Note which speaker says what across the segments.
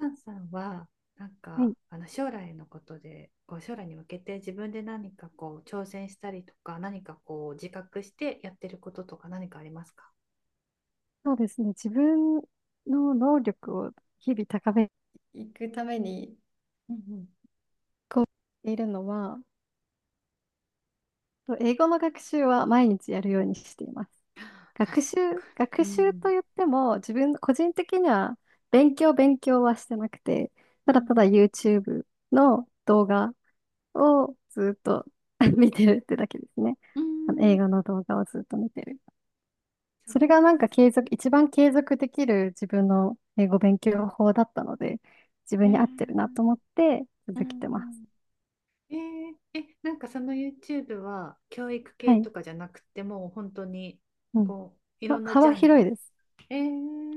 Speaker 1: タンさんはなん
Speaker 2: は
Speaker 1: か
Speaker 2: い、
Speaker 1: あの将来のことでこう将来に向けて自分で何かこう挑戦したりとか何かこう自覚してやってることとか何かありますか？
Speaker 2: そうですね。自分の能力を日々高めていくために
Speaker 1: うんうん。
Speaker 2: いるのは、と英語の学習は毎日やるようにしています。
Speaker 1: 確
Speaker 2: 学習、
Speaker 1: か
Speaker 2: 学
Speaker 1: に。う
Speaker 2: 習と
Speaker 1: ん。
Speaker 2: 言っても、自分、個人的には勉強はしてなくて、
Speaker 1: う
Speaker 2: ただただ
Speaker 1: ん
Speaker 2: YouTube の動画をずっと 見てるってだけですね。
Speaker 1: う
Speaker 2: あの映
Speaker 1: ん。
Speaker 2: 画の動画をずっと見てる。
Speaker 1: そう。
Speaker 2: それがなんか継続、一番継続できる自分の英語勉強法だったので、自
Speaker 1: え
Speaker 2: 分に合ってるなと
Speaker 1: ー
Speaker 2: 思って
Speaker 1: う
Speaker 2: 続けてます。
Speaker 1: ん。えーえ、なんかその YouTube は教育系
Speaker 2: はい。
Speaker 1: とかじゃなくてもう本当に、
Speaker 2: うん。
Speaker 1: こうい
Speaker 2: ま
Speaker 1: ろ
Speaker 2: あ、
Speaker 1: んなジ
Speaker 2: 幅
Speaker 1: ャン
Speaker 2: 広い
Speaker 1: ル。
Speaker 2: です。
Speaker 1: え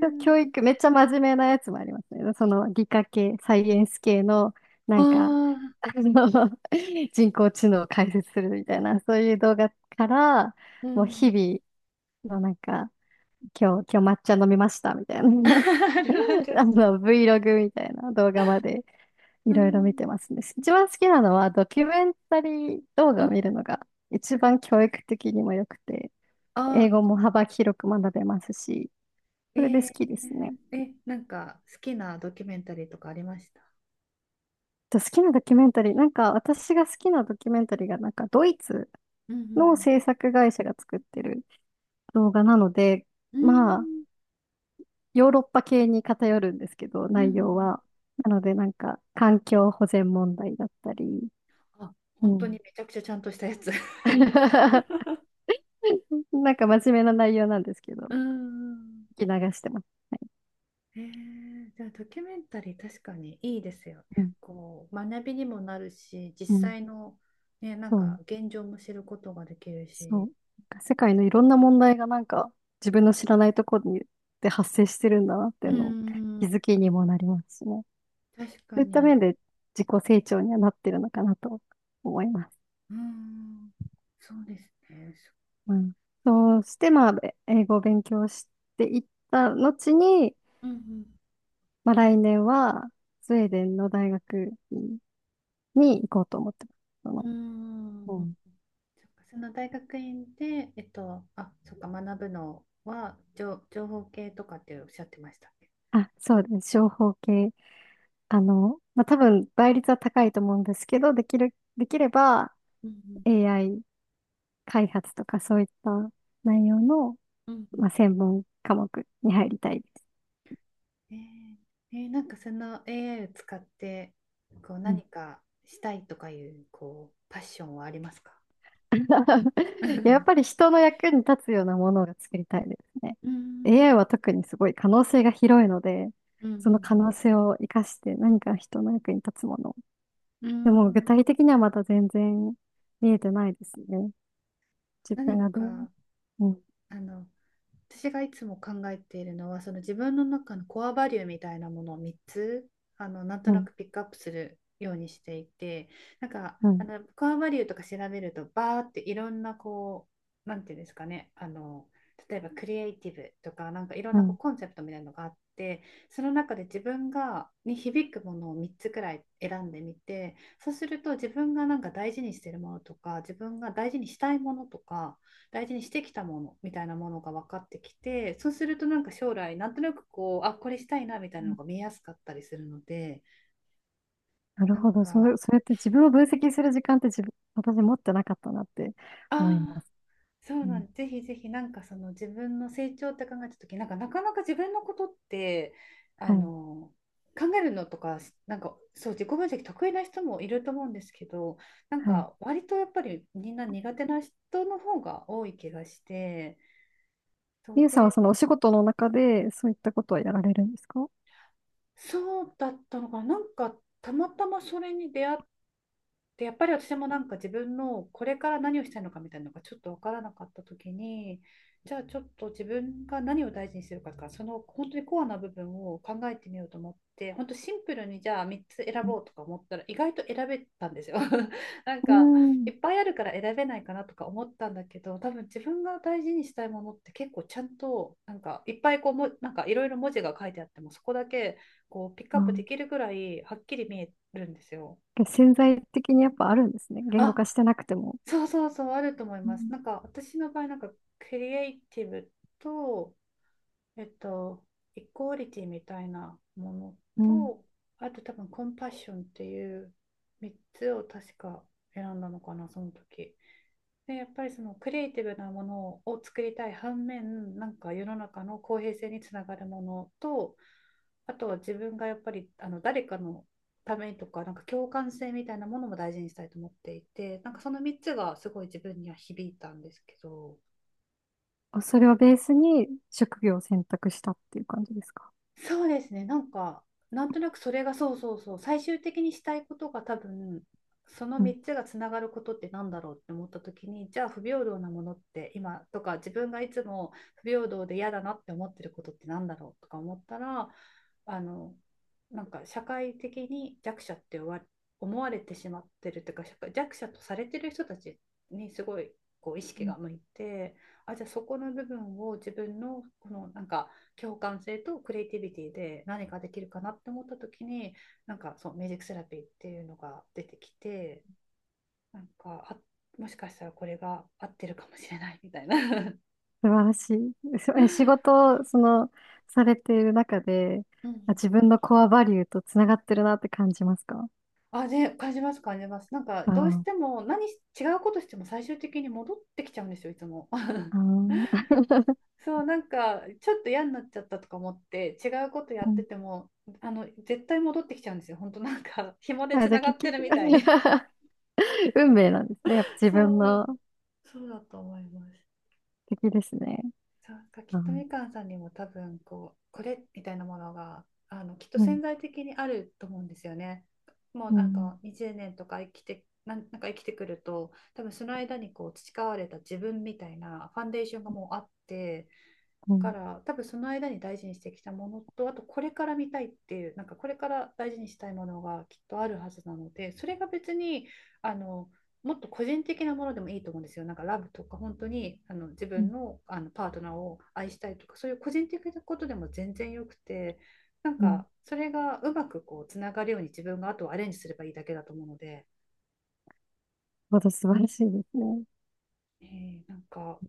Speaker 2: 教教育、めっちゃ真面目なやつもありますね。その理科系、サイエンス系の、な
Speaker 1: あ
Speaker 2: んか、
Speaker 1: ー、
Speaker 2: あの、人工知能を解説するみたいな、そういう動画から、
Speaker 1: う
Speaker 2: もう日
Speaker 1: ん。
Speaker 2: 々のなんか、今日抹茶飲みましたみたい な、
Speaker 1: あるあ る。
Speaker 2: Vlog みたいな動画まで。
Speaker 1: う
Speaker 2: いろいろ見
Speaker 1: ん。
Speaker 2: てますね。一番好きなのはドキュメンタリー動画を見るのが一番教育的にも良くて、
Speaker 1: あ、
Speaker 2: 英語も幅広く学べますし、
Speaker 1: え
Speaker 2: それで好
Speaker 1: ー、
Speaker 2: きですね。
Speaker 1: え、なんか好きなドキュメンタリーとかありました
Speaker 2: と好きなドキュメンタリー、なんか私が好きなドキュメンタリーがなんかドイツ
Speaker 1: うんう
Speaker 2: の
Speaker 1: ん。
Speaker 2: 制作会社が作ってる動画なので、
Speaker 1: う
Speaker 2: まあ
Speaker 1: ん
Speaker 2: ヨーロッパ系に偏るんですけど、
Speaker 1: うん。うんう
Speaker 2: 内容
Speaker 1: ん。
Speaker 2: は。なのでなんか環境保全問題だったり、
Speaker 1: あ、
Speaker 2: う
Speaker 1: 本当
Speaker 2: ん。
Speaker 1: にめちゃくちゃちゃんとしたやつ。
Speaker 2: なんか真面目な内容なんですけど、
Speaker 1: うん。
Speaker 2: 聞き流してます。はい。
Speaker 1: じゃあドキュメンタリー確かにいいですよね。
Speaker 2: うん。
Speaker 1: こう学びにもなるし、実
Speaker 2: うん。
Speaker 1: 際の、ね、なん
Speaker 2: そ
Speaker 1: か
Speaker 2: う。
Speaker 1: 現状も知ることができる
Speaker 2: そ
Speaker 1: し、
Speaker 2: う。なんか世界のいろんな問題がなんか自分の知らないところにで発生してるんだなっていう
Speaker 1: う
Speaker 2: のを気
Speaker 1: ん、
Speaker 2: づきにもなりますしね。
Speaker 1: 確
Speaker 2: そう
Speaker 1: か
Speaker 2: いった
Speaker 1: に、
Speaker 2: 面で自己成長にはなってるのかなと思います。
Speaker 1: うん、そうですね。そ、
Speaker 2: うん。そうして、まあ、英語を勉強していった後に、
Speaker 1: うん
Speaker 2: まあ、来年はスウェーデンの大学に行こうと思ってま
Speaker 1: う
Speaker 2: す。
Speaker 1: ん。
Speaker 2: そ
Speaker 1: う
Speaker 2: の、う
Speaker 1: ん。
Speaker 2: ん。
Speaker 1: そっか、その大学院で、えっと、あ、そっか、学ぶのは情、情報系とかっておっしゃってましたっけ？
Speaker 2: あ、そうです。情報系まあ、多分倍率は高いと思うんですけど、できれば
Speaker 1: うん
Speaker 2: AI 開発とかそういった内容の、
Speaker 1: うん。うん
Speaker 2: まあ、専門科目に入りたいです。
Speaker 1: うん。なんかその AI を使ってこう
Speaker 2: うん。
Speaker 1: 何かしたいとかいうこうパッションはありますか？ う
Speaker 2: やっぱ
Speaker 1: ー
Speaker 2: り人の役に立つようなものが作りたいですね。AI
Speaker 1: ん、
Speaker 2: は特にすごい可能性が広いので、
Speaker 1: うん。う
Speaker 2: その可
Speaker 1: ん。
Speaker 2: 能性を生かして何か人の役に立つもの。
Speaker 1: う
Speaker 2: で
Speaker 1: ん。う
Speaker 2: も具
Speaker 1: ーん。
Speaker 2: 体的にはまだ全然見えてないですね。自分
Speaker 1: 何
Speaker 2: がどう。
Speaker 1: か、
Speaker 2: うん、
Speaker 1: あの、私がいつも考えているのは、その自分の中のコアバリューみたいなものを3つ、あの、なんと
Speaker 2: う
Speaker 1: な
Speaker 2: ん、
Speaker 1: くピックアップするようにしていて、なんか、
Speaker 2: う
Speaker 1: あ
Speaker 2: ん、
Speaker 1: の、コアバリューとか調べると、バーっていろんな、こう、なんていうんですかね、あの、例えばクリエイティブとか、なんかいろん
Speaker 2: う
Speaker 1: なこう
Speaker 2: ん。
Speaker 1: コンセプトみたいなのがあって、その中で自分がに響くものを3つくらい選んでみて、そうすると自分がなんか大事にしてるものとか、自分が大事にしたいものとか、大事にしてきたものみたいなものが分かってきて、そうするとなんか将来なんとなくこう、あ、これしたいな、みたいなのが見えやすかったりするので、
Speaker 2: なる
Speaker 1: なん
Speaker 2: ほど。そ
Speaker 1: か、
Speaker 2: う、それやって自分を分析する時間って自分、私持ってなかったなって思い
Speaker 1: あ、
Speaker 2: ま
Speaker 1: あ、
Speaker 2: す。
Speaker 1: そう
Speaker 2: う
Speaker 1: なん
Speaker 2: ん。
Speaker 1: です。ぜひぜひ、なんかその自分の成長って考えた時、なんかなかなか自分のことって、あ
Speaker 2: はい。
Speaker 1: の、考えるのとか、なんかそう自己分析得意な人もいると思うんですけど、なん
Speaker 2: はい。
Speaker 1: か割とやっぱりみんな苦手な人の方が多い気がして、そう
Speaker 2: ゆうさんは
Speaker 1: で、
Speaker 2: そのお仕事の中でそういったことはやられるんですか？
Speaker 1: そうだったのかな、なんかたまたまそれに出会っ、で、やっぱり私もなんか自分のこれから何をしたいのかみたいなのがちょっと分からなかった時に、じゃあちょっと自分が何を大事にするかから、その本当にコアな部分を考えてみようと思って、本当シンプルにじゃあ3つ選ぼうとか思ったら意外と選べたんですよ。 なん
Speaker 2: う
Speaker 1: か
Speaker 2: ん。う
Speaker 1: い
Speaker 2: ん。
Speaker 1: っぱいあるから選べないかなとか思ったんだけど、多分自分が大事にしたいものって結構ちゃんと、なんかいっぱいこうも、なんかいろいろ文字が書いてあってもそこだけ、こうピックアップでき
Speaker 2: あ、
Speaker 1: るぐらいはっきり見えるんですよ。
Speaker 2: 潜在的にやっぱあるんですね。言語
Speaker 1: あ、
Speaker 2: 化してなくても。
Speaker 1: そうそうそう、あると思い
Speaker 2: う
Speaker 1: ます。
Speaker 2: ん。
Speaker 1: なんか私の場合、なんかクリエイティブと、えっと、イコーリティみたいなもの
Speaker 2: うん。
Speaker 1: と、あと多分コンパッションっていう3つを確か選んだのかな、その時。で、やっぱりそのクリエイティブなものを作りたい反面、なんか世の中の公平性につながるものと、あとは自分がやっぱりあの誰かのためにとか、なんか共感性みたいなものも大事にしたいと思っていて、なんかその3つがすごい自分には響いたんですけど、
Speaker 2: あ、それをベースに職業を選択したっていう感じですか？
Speaker 1: そうですね。なんか、なんとなくそれが、そうそうそう、最終的にしたいことが多分、その
Speaker 2: うん。
Speaker 1: 3つがつながることってなんだろうって思った時に、じゃあ不平等なものって今とか、自分がいつも不平等で嫌だなって思ってることってなんだろうとか思ったら、あの、なんか社会的に弱者って思わ、思われてしまってるというか、社会弱者とされてる人たちにすごい、こう意
Speaker 2: う
Speaker 1: 識
Speaker 2: ん。
Speaker 1: が向いて、あ、じゃあそこの部分を自分のこのなんか、共感性とクリエイティビティで何かできるかなって思った時に、なんかそうミュージックセラピーっていうのが出てきて、なんか、あ、もしかしたらこれが合ってるかもしれない、 みたいな。
Speaker 2: 素晴らしい。そえ、仕 事を、その、されている中で、
Speaker 1: う
Speaker 2: あ、
Speaker 1: ん。
Speaker 2: 自分のコアバリューとつながってるなって感じますか？
Speaker 1: あ、で感じます、感じます。なんか、
Speaker 2: あ
Speaker 1: どうして
Speaker 2: あ。
Speaker 1: も、何、違うことしても最終的に戻ってきちゃうんですよ、いつも。
Speaker 2: あー。
Speaker 1: そう、なんか、ちょっと嫌になっちゃったとか思って、違うことや
Speaker 2: う
Speaker 1: って
Speaker 2: ん。
Speaker 1: て も、あの、絶対戻ってきちゃうんですよ。本当なんか、紐で
Speaker 2: あ、
Speaker 1: つ
Speaker 2: じゃ
Speaker 1: な
Speaker 2: あ
Speaker 1: が
Speaker 2: 結
Speaker 1: って
Speaker 2: 局
Speaker 1: るみたいに。
Speaker 2: 運命なんですね。やっぱ自分
Speaker 1: そう、
Speaker 2: の
Speaker 1: そうだと思います。
Speaker 2: 敵ですね。
Speaker 1: そうなんかきっ
Speaker 2: あ
Speaker 1: と
Speaker 2: ー、
Speaker 1: みかんさんにも多分こう、これみたいなものがあのきっと
Speaker 2: うん、
Speaker 1: 潜在的にあると思うんですよね。もう
Speaker 2: う
Speaker 1: なん
Speaker 2: ん、
Speaker 1: か20年とか生きてなんなんか生きてくると多分その間にこう培われた自分みたいなファンデーションがもうあって
Speaker 2: う
Speaker 1: か
Speaker 2: ん、
Speaker 1: ら、多分その間に大事にしてきたものと、あとこれから見たいっていうなんかこれから大事にしたいものがきっとあるはずなので、それが別に、あの、もっと個人的なものでもいいと思うんですよ。なんかラブとか、本当にあの自
Speaker 2: う
Speaker 1: 分
Speaker 2: ん、
Speaker 1: の、あのパートナーを愛したいとか、そういう個人的なことでも全然よくて、なん
Speaker 2: うん。
Speaker 1: かそれがうまくこうつながるように自分があとはアレンジすればいいだけだと思うので、
Speaker 2: ほど素晴らしいですね。
Speaker 1: なんか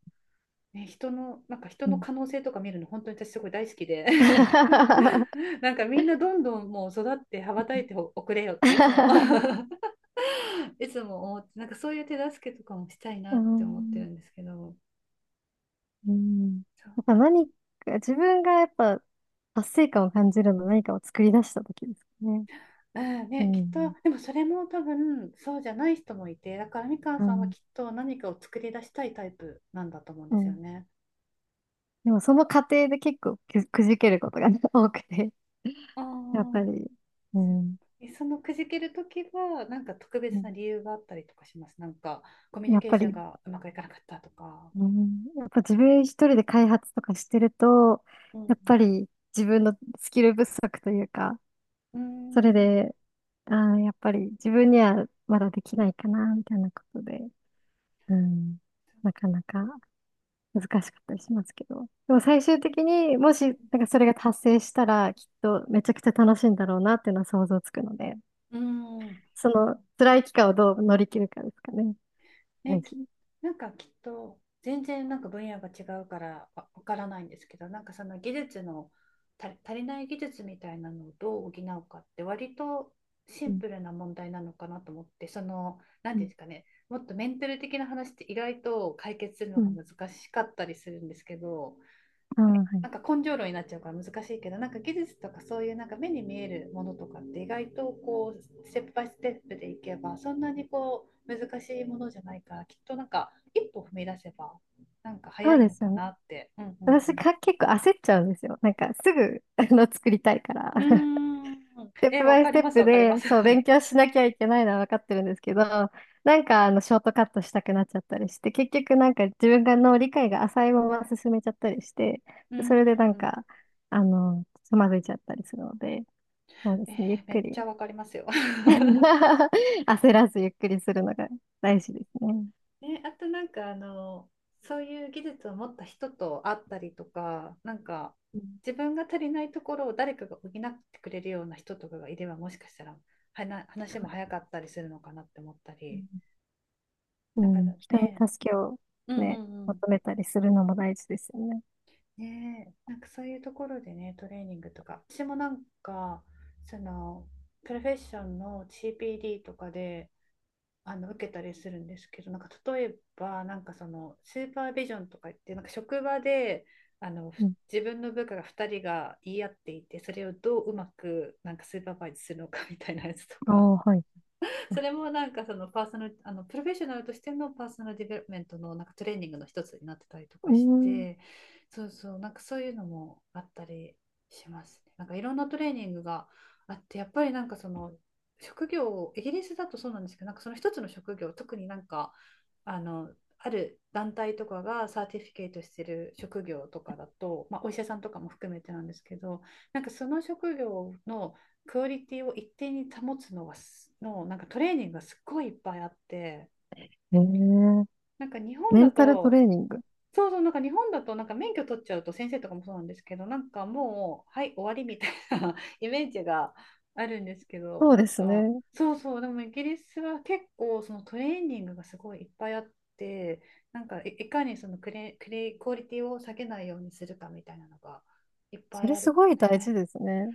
Speaker 1: ね、人の、なんか人
Speaker 2: う
Speaker 1: の
Speaker 2: ん。
Speaker 1: 可能性とか見るの本当に私すごい大好きで、 なんかみんなどんどんもう育って羽ばたいておくれよっていつも、 いつも思って、なんかそういう手助けとかもしたい
Speaker 2: う
Speaker 1: なって思って
Speaker 2: ん。
Speaker 1: るんですけど、
Speaker 2: うん。
Speaker 1: そ
Speaker 2: やっ
Speaker 1: う、
Speaker 2: ぱ何か、自分がやっぱ達成感を感じるのは何かを作り出した時ですね。
Speaker 1: うん、
Speaker 2: う
Speaker 1: ね、きっと
Speaker 2: ん。
Speaker 1: でもそれも多分そうじゃない人もいて、だからみかん
Speaker 2: う
Speaker 1: さんは
Speaker 2: ん。
Speaker 1: きっと何かを作り出したいタイプなんだと思うん
Speaker 2: う
Speaker 1: ですよ
Speaker 2: ん。
Speaker 1: ね。
Speaker 2: でもその過程で結構くじけることが 多くて、
Speaker 1: あ
Speaker 2: やっぱり。
Speaker 1: あ、
Speaker 2: うん。
Speaker 1: え、そのくじけるときは、なんか特
Speaker 2: う
Speaker 1: 別な
Speaker 2: ん。
Speaker 1: 理由があったりとかしますなんか、コミュニ
Speaker 2: やっ
Speaker 1: ケー
Speaker 2: ぱ
Speaker 1: ション
Speaker 2: り、
Speaker 1: がうまくいかなかったとか。
Speaker 2: うん、やっぱ自分一人で開発とかしてると、
Speaker 1: うん、
Speaker 2: やっぱり自分のスキル不足というか、
Speaker 1: うー
Speaker 2: それ
Speaker 1: ん。
Speaker 2: で、あー、やっぱり自分にはまだできないかな、みたいなことで、うん、なかなか難しかったりしますけど。でも最終的にもし、なんかそれが達成したら、きっとめちゃくちゃ楽しいんだろうなっていうのは想像つくので、
Speaker 1: うーん、うん、
Speaker 2: その辛い期間をどう乗り切るかですかね。大
Speaker 1: ね、き、
Speaker 2: 事。
Speaker 1: なんかきっと全然なんか分野が違うからわ、わからないんですけど、なんかその技術の、た、足りない技術みたいなのをどう補うかって割とシ
Speaker 2: う
Speaker 1: ン
Speaker 2: ん、
Speaker 1: プルな問題なのかなと思って、その、なん
Speaker 2: う
Speaker 1: ていうん
Speaker 2: ん、
Speaker 1: ですかね、もっとメンタル的な話って意外と解決するの
Speaker 2: う
Speaker 1: が
Speaker 2: ん。
Speaker 1: 難しかったりするんですけど、
Speaker 2: ああ、はい。
Speaker 1: なんか根性論になっちゃうから難しいけど、なんか技術とかそういうなんか目に見えるものとかって意外とこう、ステップバイステップでいけばそんなにこう難しいものじゃないから、きっとなんか一歩踏み出せば、なんか早
Speaker 2: そう
Speaker 1: い
Speaker 2: で
Speaker 1: の
Speaker 2: すよ
Speaker 1: か
Speaker 2: ね。
Speaker 1: なって。うんうん
Speaker 2: 私が結構焦っちゃうんですよ。なんかすぐ、作りたいから。
Speaker 1: うん。うーん。
Speaker 2: ステッ
Speaker 1: え、
Speaker 2: プバ
Speaker 1: わ
Speaker 2: イ
Speaker 1: か
Speaker 2: ス
Speaker 1: り
Speaker 2: テッ
Speaker 1: ます
Speaker 2: プ
Speaker 1: わかりま
Speaker 2: で、
Speaker 1: す。
Speaker 2: そう、勉強しなきゃいけないのは分かってるんですけど、なんか、ショートカットしたくなっちゃったりして、結局なんか自分がの理解が浅いまま進めちゃったりして、
Speaker 1: う
Speaker 2: そ
Speaker 1: んう
Speaker 2: れ
Speaker 1: ん
Speaker 2: でなん
Speaker 1: うん。
Speaker 2: か、つまずいちゃったりするので、そうですね、ゆっ
Speaker 1: め
Speaker 2: く
Speaker 1: っち
Speaker 2: り。
Speaker 1: ゃわかりますよ。
Speaker 2: 焦らずゆっくりするのが大事ですね。
Speaker 1: ね、あとなんかあの、そういう技術を持った人と会ったりとか、なんか
Speaker 2: うん。
Speaker 1: 自分が足りないところを誰かが補ってくれるような人とかがいればもしかしたら、はな、話も早かったりするのかなって思ったり、
Speaker 2: う
Speaker 1: なんか、
Speaker 2: ん、人に
Speaker 1: ね、
Speaker 2: 助けを
Speaker 1: うんう
Speaker 2: ね、
Speaker 1: んうん。
Speaker 2: 求めたりするのも大事ですよね。
Speaker 1: ねえ、なんかそういうところでね、トレーニングとか、私もなんか、その、プロフェッションの CPD とかで、あの受けたりするんですけど、なんか例えば、なんかそのスーパービジョンとか言って、なんか職場で、あの、
Speaker 2: う
Speaker 1: ふ、
Speaker 2: ん。
Speaker 1: 自分の部下が2人が言い合っていて、それをどううまくなんかスーパーバイズするのかみたいなやつと
Speaker 2: あ
Speaker 1: か、
Speaker 2: あ、はい。
Speaker 1: それもなんかそのパーソナル、あの、プロフェッショナルとしてのパーソナルディベロップメントのなんかトレーニングの一つになってたりと
Speaker 2: う
Speaker 1: か
Speaker 2: ー
Speaker 1: し
Speaker 2: ん。
Speaker 1: て、そうそうなんかそういうのもあったりしますね。なんかいろんなトレーニングがあって、やっぱりなんかその職業を、イギリスだとそうなんですけど、なんかその一つの職業、特になんかあの、ある団体とかがサーティフィケートしてる職業とかだと、まあ、お医者さんとかも含めてなんですけど、なんかその職業のクオリティを一定に保つのはす、の、なんかトレーニングがすっごいいっぱいあって、
Speaker 2: へえ。
Speaker 1: なんか日本
Speaker 2: メ
Speaker 1: だ
Speaker 2: ンタルト
Speaker 1: と、
Speaker 2: レーニング。
Speaker 1: そうそう、なんか日本だと、なんか免許取っちゃうと先生とかもそうなんですけど、なんかもう、はい、終わり、みたいな イメージがあるんですけど、
Speaker 2: そう
Speaker 1: な
Speaker 2: で
Speaker 1: ん
Speaker 2: す
Speaker 1: か
Speaker 2: ね。
Speaker 1: そうそうでもイギリスは結構そのトレーニングがすごいいっぱいあって、なんかい、いかにそのクレ、クレ、クオリティを下げないようにするかみたいなのがいっぱ
Speaker 2: そ
Speaker 1: い
Speaker 2: れ
Speaker 1: ある
Speaker 2: すごい大
Speaker 1: ね。
Speaker 2: 事ですね。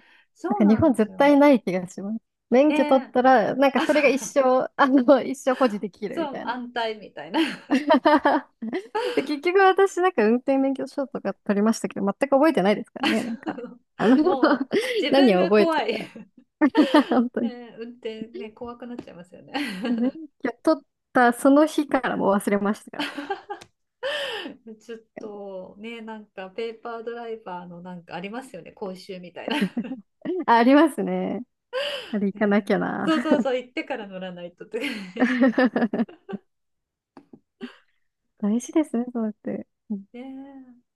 Speaker 2: なん
Speaker 1: そう
Speaker 2: か日
Speaker 1: なん
Speaker 2: 本
Speaker 1: です
Speaker 2: 絶
Speaker 1: よ。
Speaker 2: 対ない気がします。免許取っ
Speaker 1: で、
Speaker 2: たら、なんか
Speaker 1: あ、
Speaker 2: それが一生保持できるみ
Speaker 1: そう
Speaker 2: たいな。
Speaker 1: 安泰みたいな。
Speaker 2: で、結局私なんか運転免許証とか取りましたけど、全く覚えてないですからね。なんか、あの
Speaker 1: も う自分
Speaker 2: 何を
Speaker 1: が
Speaker 2: 覚え
Speaker 1: 怖
Speaker 2: て。
Speaker 1: い。
Speaker 2: 本当に。
Speaker 1: ね、運転ね怖くなっちゃいますよね。
Speaker 2: 免 許取ったその日からもう忘れましたから。
Speaker 1: ちょっとね、なんかペーパードライバーのなんかありますよね講習みたいな、
Speaker 2: あ、ありますね。あれ行かなきゃ
Speaker 1: ね、
Speaker 2: な。
Speaker 1: そうそうそう行ってから乗らないとって。
Speaker 2: 大事ですね、そうやって。う
Speaker 1: ね